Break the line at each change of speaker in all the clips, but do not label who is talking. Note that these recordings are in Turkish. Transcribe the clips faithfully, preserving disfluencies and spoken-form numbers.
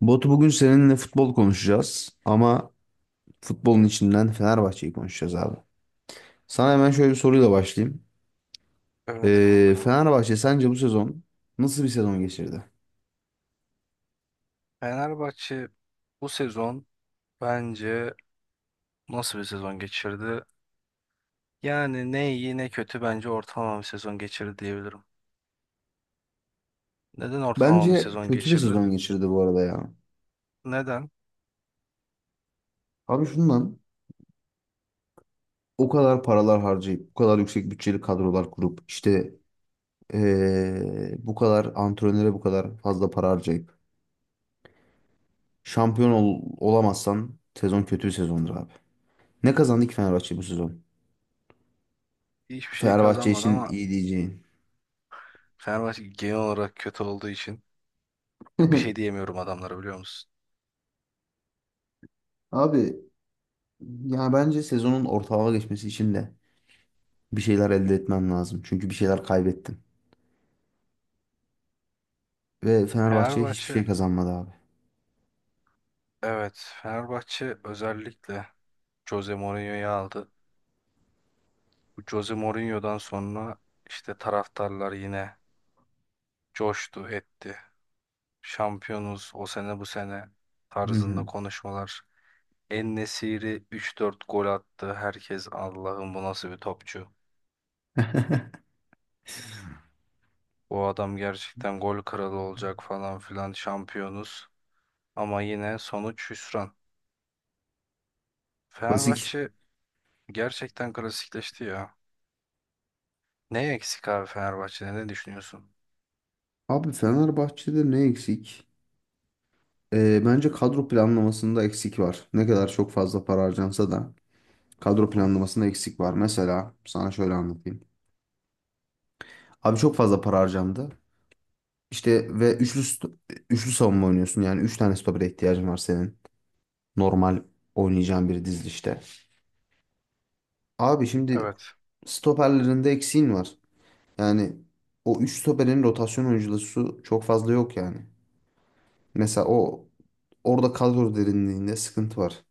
Batu bugün seninle futbol konuşacağız ama futbolun içinden Fenerbahçe'yi konuşacağız abi. Sana hemen şöyle bir soruyla başlayayım.
Evet
Ee,
kanka.
Fenerbahçe sence bu sezon nasıl bir sezon geçirdi?
Fenerbahçe bu sezon bence nasıl bir sezon geçirdi? Yani ne iyi ne kötü bence ortalama bir sezon geçirdi diyebilirim. Neden ortalama bir
Bence
sezon
kötü bir
geçirdi?
sezon geçirdi bu arada ya.
Neden?
Abi şundan o kadar paralar harcayıp, bu kadar yüksek bütçeli kadrolar kurup, işte ee, bu kadar antrenöre bu kadar fazla para harcayıp şampiyon ol- olamazsan sezon kötü bir sezondur abi. Ne kazandı ki Fenerbahçe bu sezon?
Hiçbir şey
Fenerbahçe
kazanmadı
için
ama
iyi diyeceğin.
Fenerbahçe genel olarak kötü olduğu için ya bir şey diyemiyorum adamlara biliyor musun?
Abi yani bence sezonun ortalığa geçmesi için de bir şeyler elde etmem lazım. Çünkü bir şeyler kaybettim. Ve Fenerbahçe hiçbir
Fenerbahçe
şey kazanmadı abi.
evet Fenerbahçe özellikle Jose Mourinho'yu aldı. Bu Jose Mourinho'dan sonra işte taraftarlar yine coştu etti. Şampiyonuz o sene bu sene
Hı
tarzında
hı.
konuşmalar. En-Nesyri üç dört gol attı. Herkes Allah'ım bu nasıl bir topçu. Bu adam gerçekten gol kralı olacak falan filan şampiyonuz. Ama yine sonuç hüsran.
Klasik.
Fenerbahçe gerçekten klasikleşti ya. Ne eksik abi Fenerbahçe'de ne düşünüyorsun?
Abi Fenerbahçe'de ne eksik? Ee, bence kadro planlamasında eksik var. Ne kadar çok fazla para harcansa da
Hı
kadro
hı.
planlamasında eksik var. Mesela sana şöyle anlatayım. Abi çok fazla para harcandı. İşte ve üçlü st- üçlü savunma oynuyorsun. Yani üç tane stopere ihtiyacın var senin. Normal oynayacağın bir dizilişte. Abi şimdi
Evet.
stoperlerinde eksiğin var. Yani o üç stoperin rotasyon oyuncusu çok fazla yok yani. Mesela o orada kadro derinliğinde sıkıntı var.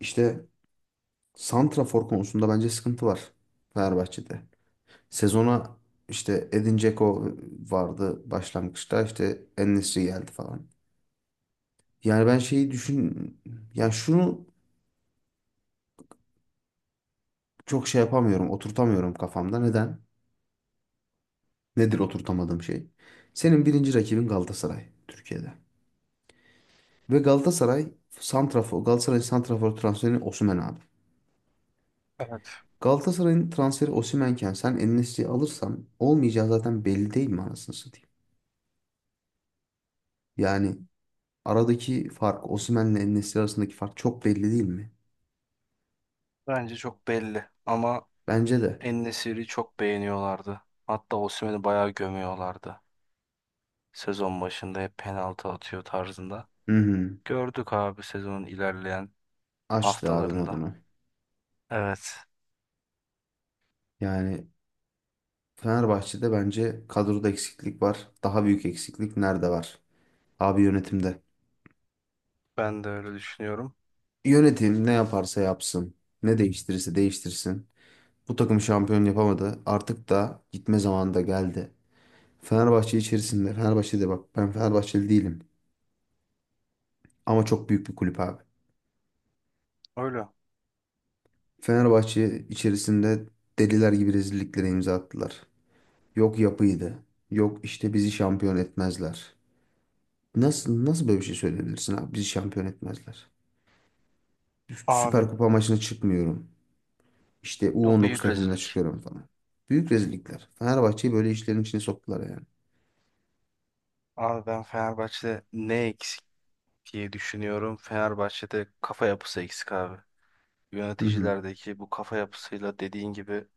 İşte santrafor konusunda bence sıkıntı var Fenerbahçe'de. Sezona işte Edin Dzeko vardı başlangıçta işte en geldi falan. Yani ben şeyi düşün yani şunu çok şey yapamıyorum, oturtamıyorum kafamda. Neden? Nedir oturtamadığım şey? Senin birinci rakibin Galatasaray Türkiye'de. Ve Galatasaray santrafor, Galatasaray santrafor transferi Osimhen abi.
Evet.
Galatasaray'ın transferi Osimhen'ken sen En-Nesyri'yi alırsan olmayacağı zaten belli değil mi anasını satayım? Yani aradaki fark Osimhen'le En-Nesyri arasındaki fark çok belli değil mi?
Bence çok belli ama
Bence de.
En-Nesyri çok beğeniyorlardı. Hatta Osimhen'i bayağı gömüyorlardı. Sezon başında hep penaltı atıyor tarzında.
Hı hı.
Gördük abi sezonun ilerleyen
Açtı abi
haftalarında.
modunu.
Evet,
Yani Fenerbahçe'de bence kadroda eksiklik var. Daha büyük eksiklik nerede var? Abi yönetimde.
ben de öyle düşünüyorum.
Yönetim ne yaparsa yapsın. Ne değiştirirse değiştirsin. Bu takım şampiyon yapamadı. Artık da gitme zamanı da geldi. Fenerbahçe içerisinde, Fenerbahçe'de bak ben Fenerbahçeli değilim. Ama çok büyük bir kulüp abi.
Öyle.
Fenerbahçe içerisinde deliler gibi rezilliklere imza attılar. Yok yapıydı. Yok işte bizi şampiyon etmezler. Nasıl nasıl böyle bir şey söyleyebilirsin abi? Bizi şampiyon etmezler.
Abi
Süper Kupa maçına çıkmıyorum. İşte
o
U on dokuz
büyük
takımına
rezillik.
çıkıyorum falan. Büyük rezillikler. Fenerbahçe'yi böyle işlerin içine soktular yani.
Abi ben Fenerbahçe'de ne eksik diye düşünüyorum. Fenerbahçe'de kafa yapısı eksik abi.
Hı hı.
Yöneticilerdeki bu kafa yapısıyla dediğin gibi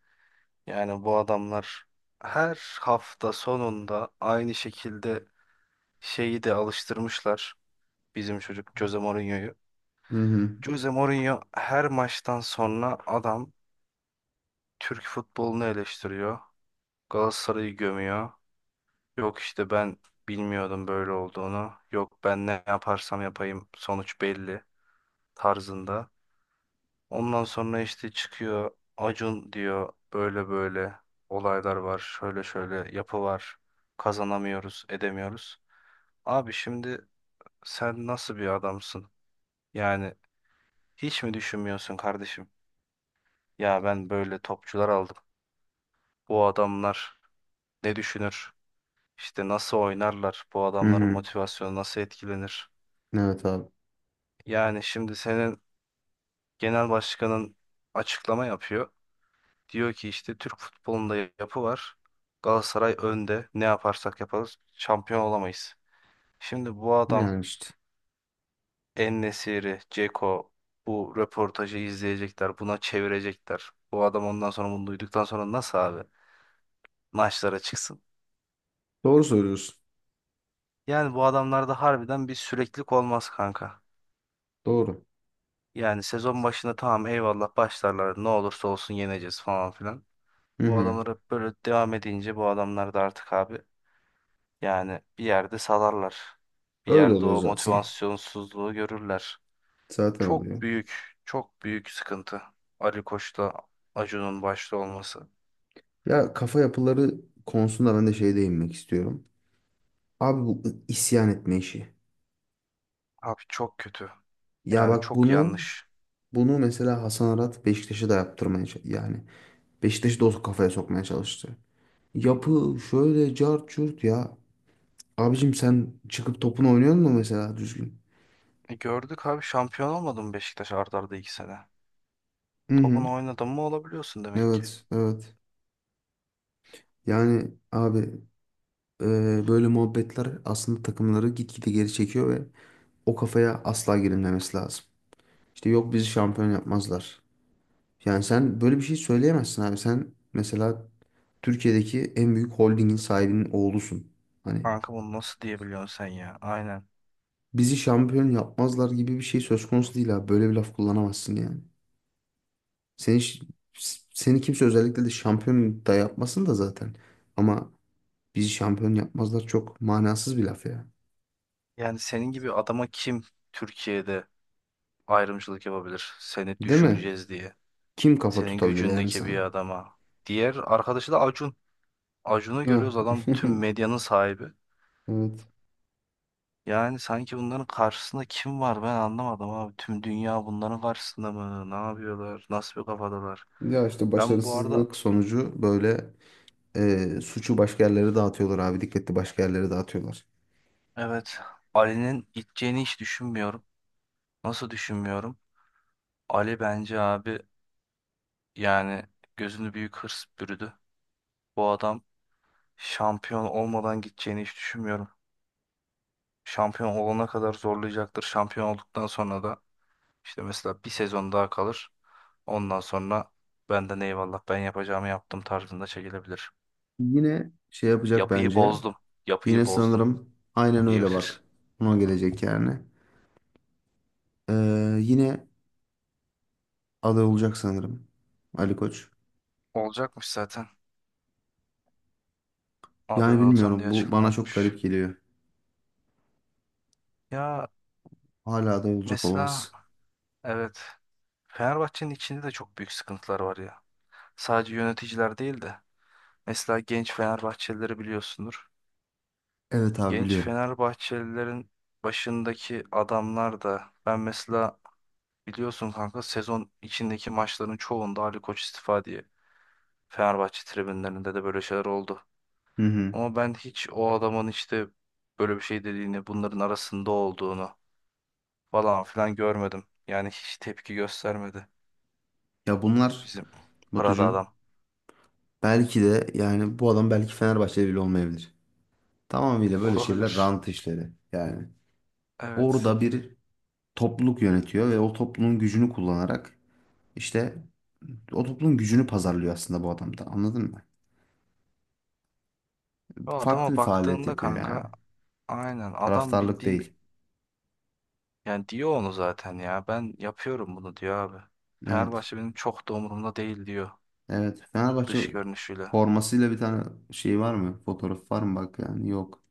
yani bu adamlar her hafta sonunda aynı şekilde şeyi de alıştırmışlar. Bizim çocuk Jose Mourinho'yu.
Hı hı.
Jose Mourinho her maçtan sonra adam Türk futbolunu eleştiriyor. Galatasaray'ı gömüyor. Yok işte ben bilmiyordum böyle olduğunu. Yok ben ne yaparsam yapayım sonuç belli tarzında. Ondan sonra işte çıkıyor Acun diyor böyle böyle olaylar var. Şöyle şöyle yapı var. Kazanamıyoruz, edemiyoruz. Abi şimdi sen nasıl bir adamsın? Yani hiç mi düşünmüyorsun kardeşim? Ya ben böyle topçular aldım. Bu adamlar ne düşünür? İşte nasıl oynarlar? Bu
Hı
adamların
hı.
motivasyonu nasıl etkilenir?
Evet abi.
Yani şimdi senin genel başkanın açıklama yapıyor. Diyor ki işte Türk futbolunda yapı var. Galatasaray önde. Ne yaparsak yaparız şampiyon olamayız. Şimdi bu adam
Yani işte.
En-Nesyri, Dzeko bu röportajı izleyecekler. Buna çevirecekler. Bu adam ondan sonra bunu duyduktan sonra nasıl abi maçlara çıksın?
Doğru söylüyorsun.
Yani bu adamlarda harbiden bir süreklilik olmaz kanka.
Doğru.
Yani sezon başında tamam eyvallah başlarlar ne olursa olsun yeneceğiz falan filan.
Hı
Bu
hı.
adamlar hep böyle devam edince bu adamlar da artık abi yani bir yerde salarlar. Bir
Öyle
yerde
oluyor
o
zaten.
motivasyonsuzluğu görürler.
Zaten
Çok
oluyor.
büyük, çok büyük sıkıntı. Ali Koç'la Acun'un başta olması.
Ya kafa yapıları konusunda ben de şey değinmek istiyorum. Abi bu isyan etme işi.
Abi çok kötü.
Ya
Yani
bak
çok
bunu
yanlış.
bunu mesela Hasan Arat Beşiktaş'a da yaptırmaya ç- yani Beşiktaş'ı da o kafaya sokmaya çalıştı.
Hı hı.
Yapı şöyle cart curt ya. Abicim sen çıkıp topunu oynuyor musun mesela düzgün?
E gördük abi şampiyon olmadı mı Beşiktaş art arda iki sene?
Hı hı.
Topunu oynadın mı olabiliyorsun demek ki.
Evet, evet. Yani abi Ee, böyle muhabbetler aslında takımları gitgide geri çekiyor ve o kafaya asla girilmemesi lazım. İşte yok bizi şampiyon yapmazlar. Yani sen böyle bir şey söyleyemezsin abi. Sen mesela Türkiye'deki en büyük holdingin sahibinin oğlusun. Hani
Kanka bunu nasıl diyebiliyorsun sen ya? Aynen.
bizi şampiyon yapmazlar gibi bir şey söz konusu değil abi. Böyle bir laf kullanamazsın yani. Seni, ş- seni kimse özellikle de şampiyon da yapmasın da zaten. Ama bizi şampiyon yapmazlar çok manasız bir laf ya.
Yani senin gibi adama kim Türkiye'de ayrımcılık yapabilir? Seni
Değil mi?
düşüreceğiz diye.
Kim kafa
Senin
tutabilir yani
gücündeki bir
sana?
adama. Diğer arkadaşı da Acun. Acun'u
Ah,
görüyoruz adam tüm medyanın sahibi.
Evet.
Yani sanki bunların karşısında kim var ben anlamadım abi. Tüm dünya bunların karşısında mı? Ne yapıyorlar? Nasıl bir kafadalar?
Ya işte
Ben bu arada
başarısızlık sonucu böyle e, suçu başka yerlere dağıtıyorlar abi. Dikkatli başka yerlere dağıtıyorlar.
evet Ali'nin gideceğini hiç düşünmüyorum. Nasıl düşünmüyorum? Ali bence abi yani gözünü büyük hırs bürüdü. Bu adam şampiyon olmadan gideceğini hiç düşünmüyorum. Şampiyon olana kadar zorlayacaktır. Şampiyon olduktan sonra da işte mesela bir sezon daha kalır. Ondan sonra benden eyvallah ben yapacağımı yaptım tarzında çekilebilir.
Yine şey yapacak
Yapıyı
bence.
bozdum, yapıyı
Yine
bozdum
sanırım aynen öyle bak.
diyebilir.
Ona gelecek yani. Ee, yine aday olacak sanırım. Ali Koç.
Olacakmış zaten.
Yani
Aday olacağım diye
bilmiyorum. Bu
açıklama
bana çok
yapmış.
garip geliyor.
Ya
Hala aday olacak olması.
mesela evet Fenerbahçe'nin içinde de çok büyük sıkıntılar var ya. Sadece yöneticiler değil de mesela genç Fenerbahçelileri biliyorsundur.
Evet abi
Genç
biliyorum.
Fenerbahçelilerin başındaki adamlar da ben mesela biliyorsun kanka sezon içindeki maçların çoğunda Ali Koç istifa diye Fenerbahçe tribünlerinde de böyle şeyler oldu.
Hı hı.
Ama ben hiç o adamın işte böyle bir şey dediğini, bunların arasında olduğunu falan filan görmedim. Yani hiç tepki göstermedi
Ya bunlar
bizim parada
Batucuğum
adam.
belki de yani bu adam belki Fenerbahçeli bile olmayabilir. Tamamıyla böyle şeyler
Olabilir.
rant işleri. Yani
Evet.
orada bir topluluk yönetiyor ve o topluluğun gücünü kullanarak işte o topluluğun gücünü pazarlıyor aslında bu adam da anladın mı?
O
Farklı
adama
bir faaliyet
baktığında
yapıyor yani.
kanka aynen adam
Taraftarlık
bildiğin.
değil.
Yani diyor onu zaten ya. Ben yapıyorum bunu diyor abi.
Evet.
Fenerbahçe benim çok da umurumda değil diyor
Evet. Fenerbahçe
dış görünüşüyle.
formasıyla bir tane şey var mı? Fotoğraf var mı? Bak yani yok.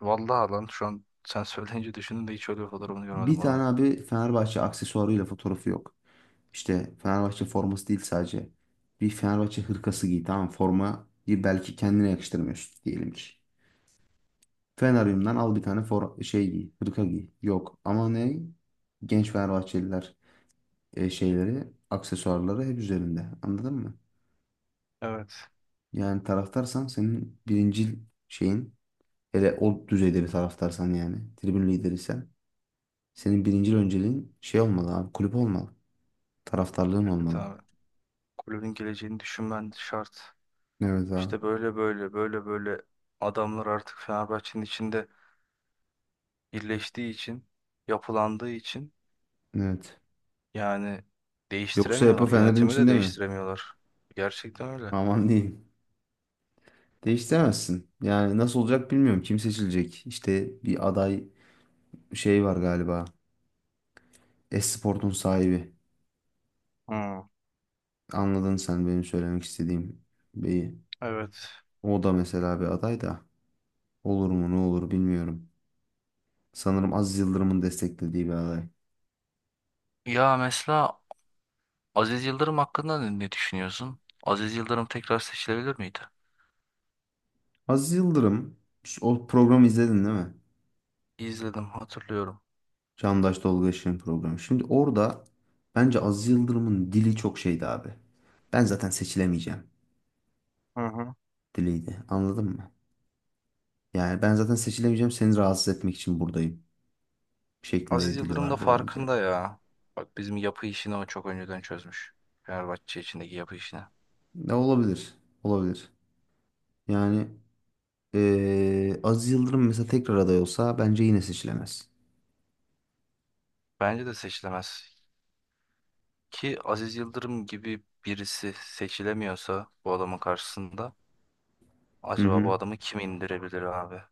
Vallahi lan şu an sen söyleyince düşündüm de hiç öyle bir fotoğrafını
Bir
görmedim
tane
adamın.
abi Fenerbahçe aksesuarıyla fotoğrafı yok. İşte Fenerbahçe forması değil sadece. Bir Fenerbahçe hırkası giy tamam mı? Formayı belki kendine yakıştırmıyorsun diyelim ki. Feneryum'dan al bir tane for şey giy, hırka giy. Yok ama ne? Genç Fenerbahçeliler e, şeyleri, aksesuarları hep üzerinde. Anladın mı?
Evet.
Yani taraftarsan senin birincil şeyin hele o düzeyde bir taraftarsan yani tribün lideriysen senin birincil önceliğin şey olmalı abi kulüp olmalı. Taraftarlığın
Evet
olmalı.
abi. Kulübün geleceğini düşünmen şart.
Evet abi.
İşte böyle böyle böyle böyle adamlar artık Fenerbahçe'nin içinde birleştiği için, yapılandığı için
Evet.
yani
Yoksa yapı
değiştiremiyorlar.
Fener'in
Yönetimi de
içinde mi?
değiştiremiyorlar. Gerçekten öyle.
Aman diyeyim. Değiştiremezsin. Yani nasıl olacak bilmiyorum. Kim seçilecek? İşte bir aday şey var galiba. Esport'un sahibi.
Hmm,
Anladın sen benim söylemek istediğim beyi.
evet.
O da mesela bir aday da. Olur mu ne olur bilmiyorum. Sanırım Aziz Yıldırım'ın desteklediği bir aday.
Ya mesela Aziz Yıldırım hakkında ne ne düşünüyorsun? Aziz Yıldırım tekrar seçilebilir miydi?
Aziz Yıldırım o programı izledin değil mi?
İzledim, hatırlıyorum.
Çağdaş Tolga Işık'ın programı. Şimdi orada bence Aziz Yıldırım'ın dili çok şeydi abi. Ben zaten seçilemeyeceğim
Hı hı.
diliydi. Anladın mı? Yani ben zaten seçilemeyeceğim seni rahatsız etmek için buradayım şeklinde
Aziz
bir dili
Yıldırım da
vardı bence.
farkında ya. Bak bizim yapı işini o çok önceden çözmüş. Fenerbahçe içindeki yapı işini.
Ne olabilir? Olabilir. Yani eee Aziz Yıldırım mesela tekrar aday olsa bence yine seçilemez.
Bence de seçilemez. Ki Aziz Yıldırım gibi birisi seçilemiyorsa bu adamın karşısında
Hı
acaba bu
hı.
adamı kim indirebilir abi?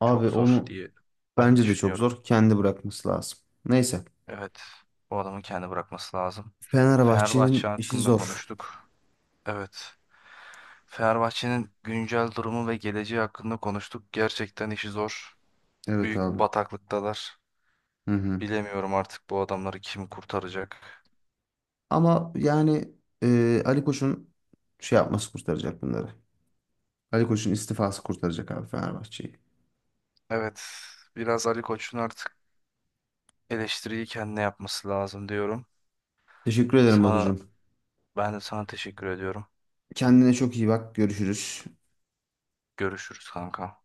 Abi
Çok zor
onu
diye
bence de çok
düşünüyorum.
zor. Kendi bırakması lazım. Neyse.
Evet, bu adamı kendi bırakması lazım. Fenerbahçe
Fenerbahçe'nin işi
hakkında
zor.
konuştuk. Evet. Fenerbahçe'nin güncel durumu ve geleceği hakkında konuştuk. Gerçekten işi zor.
Evet
Büyük bir
abi.
bataklıktalar.
Hı hı.
Bilemiyorum artık bu adamları kim kurtaracak.
Ama yani e, Ali Koç'un şey yapması kurtaracak bunları. Ali Koç'un istifası kurtaracak abi Fenerbahçe'yi.
Evet, biraz Ali Koç'un artık eleştiriyi kendine yapması lazım diyorum.
Teşekkür ederim
Sana,
Batucuğum.
ben de sana teşekkür ediyorum.
Kendine çok iyi bak. Görüşürüz.
Görüşürüz kanka.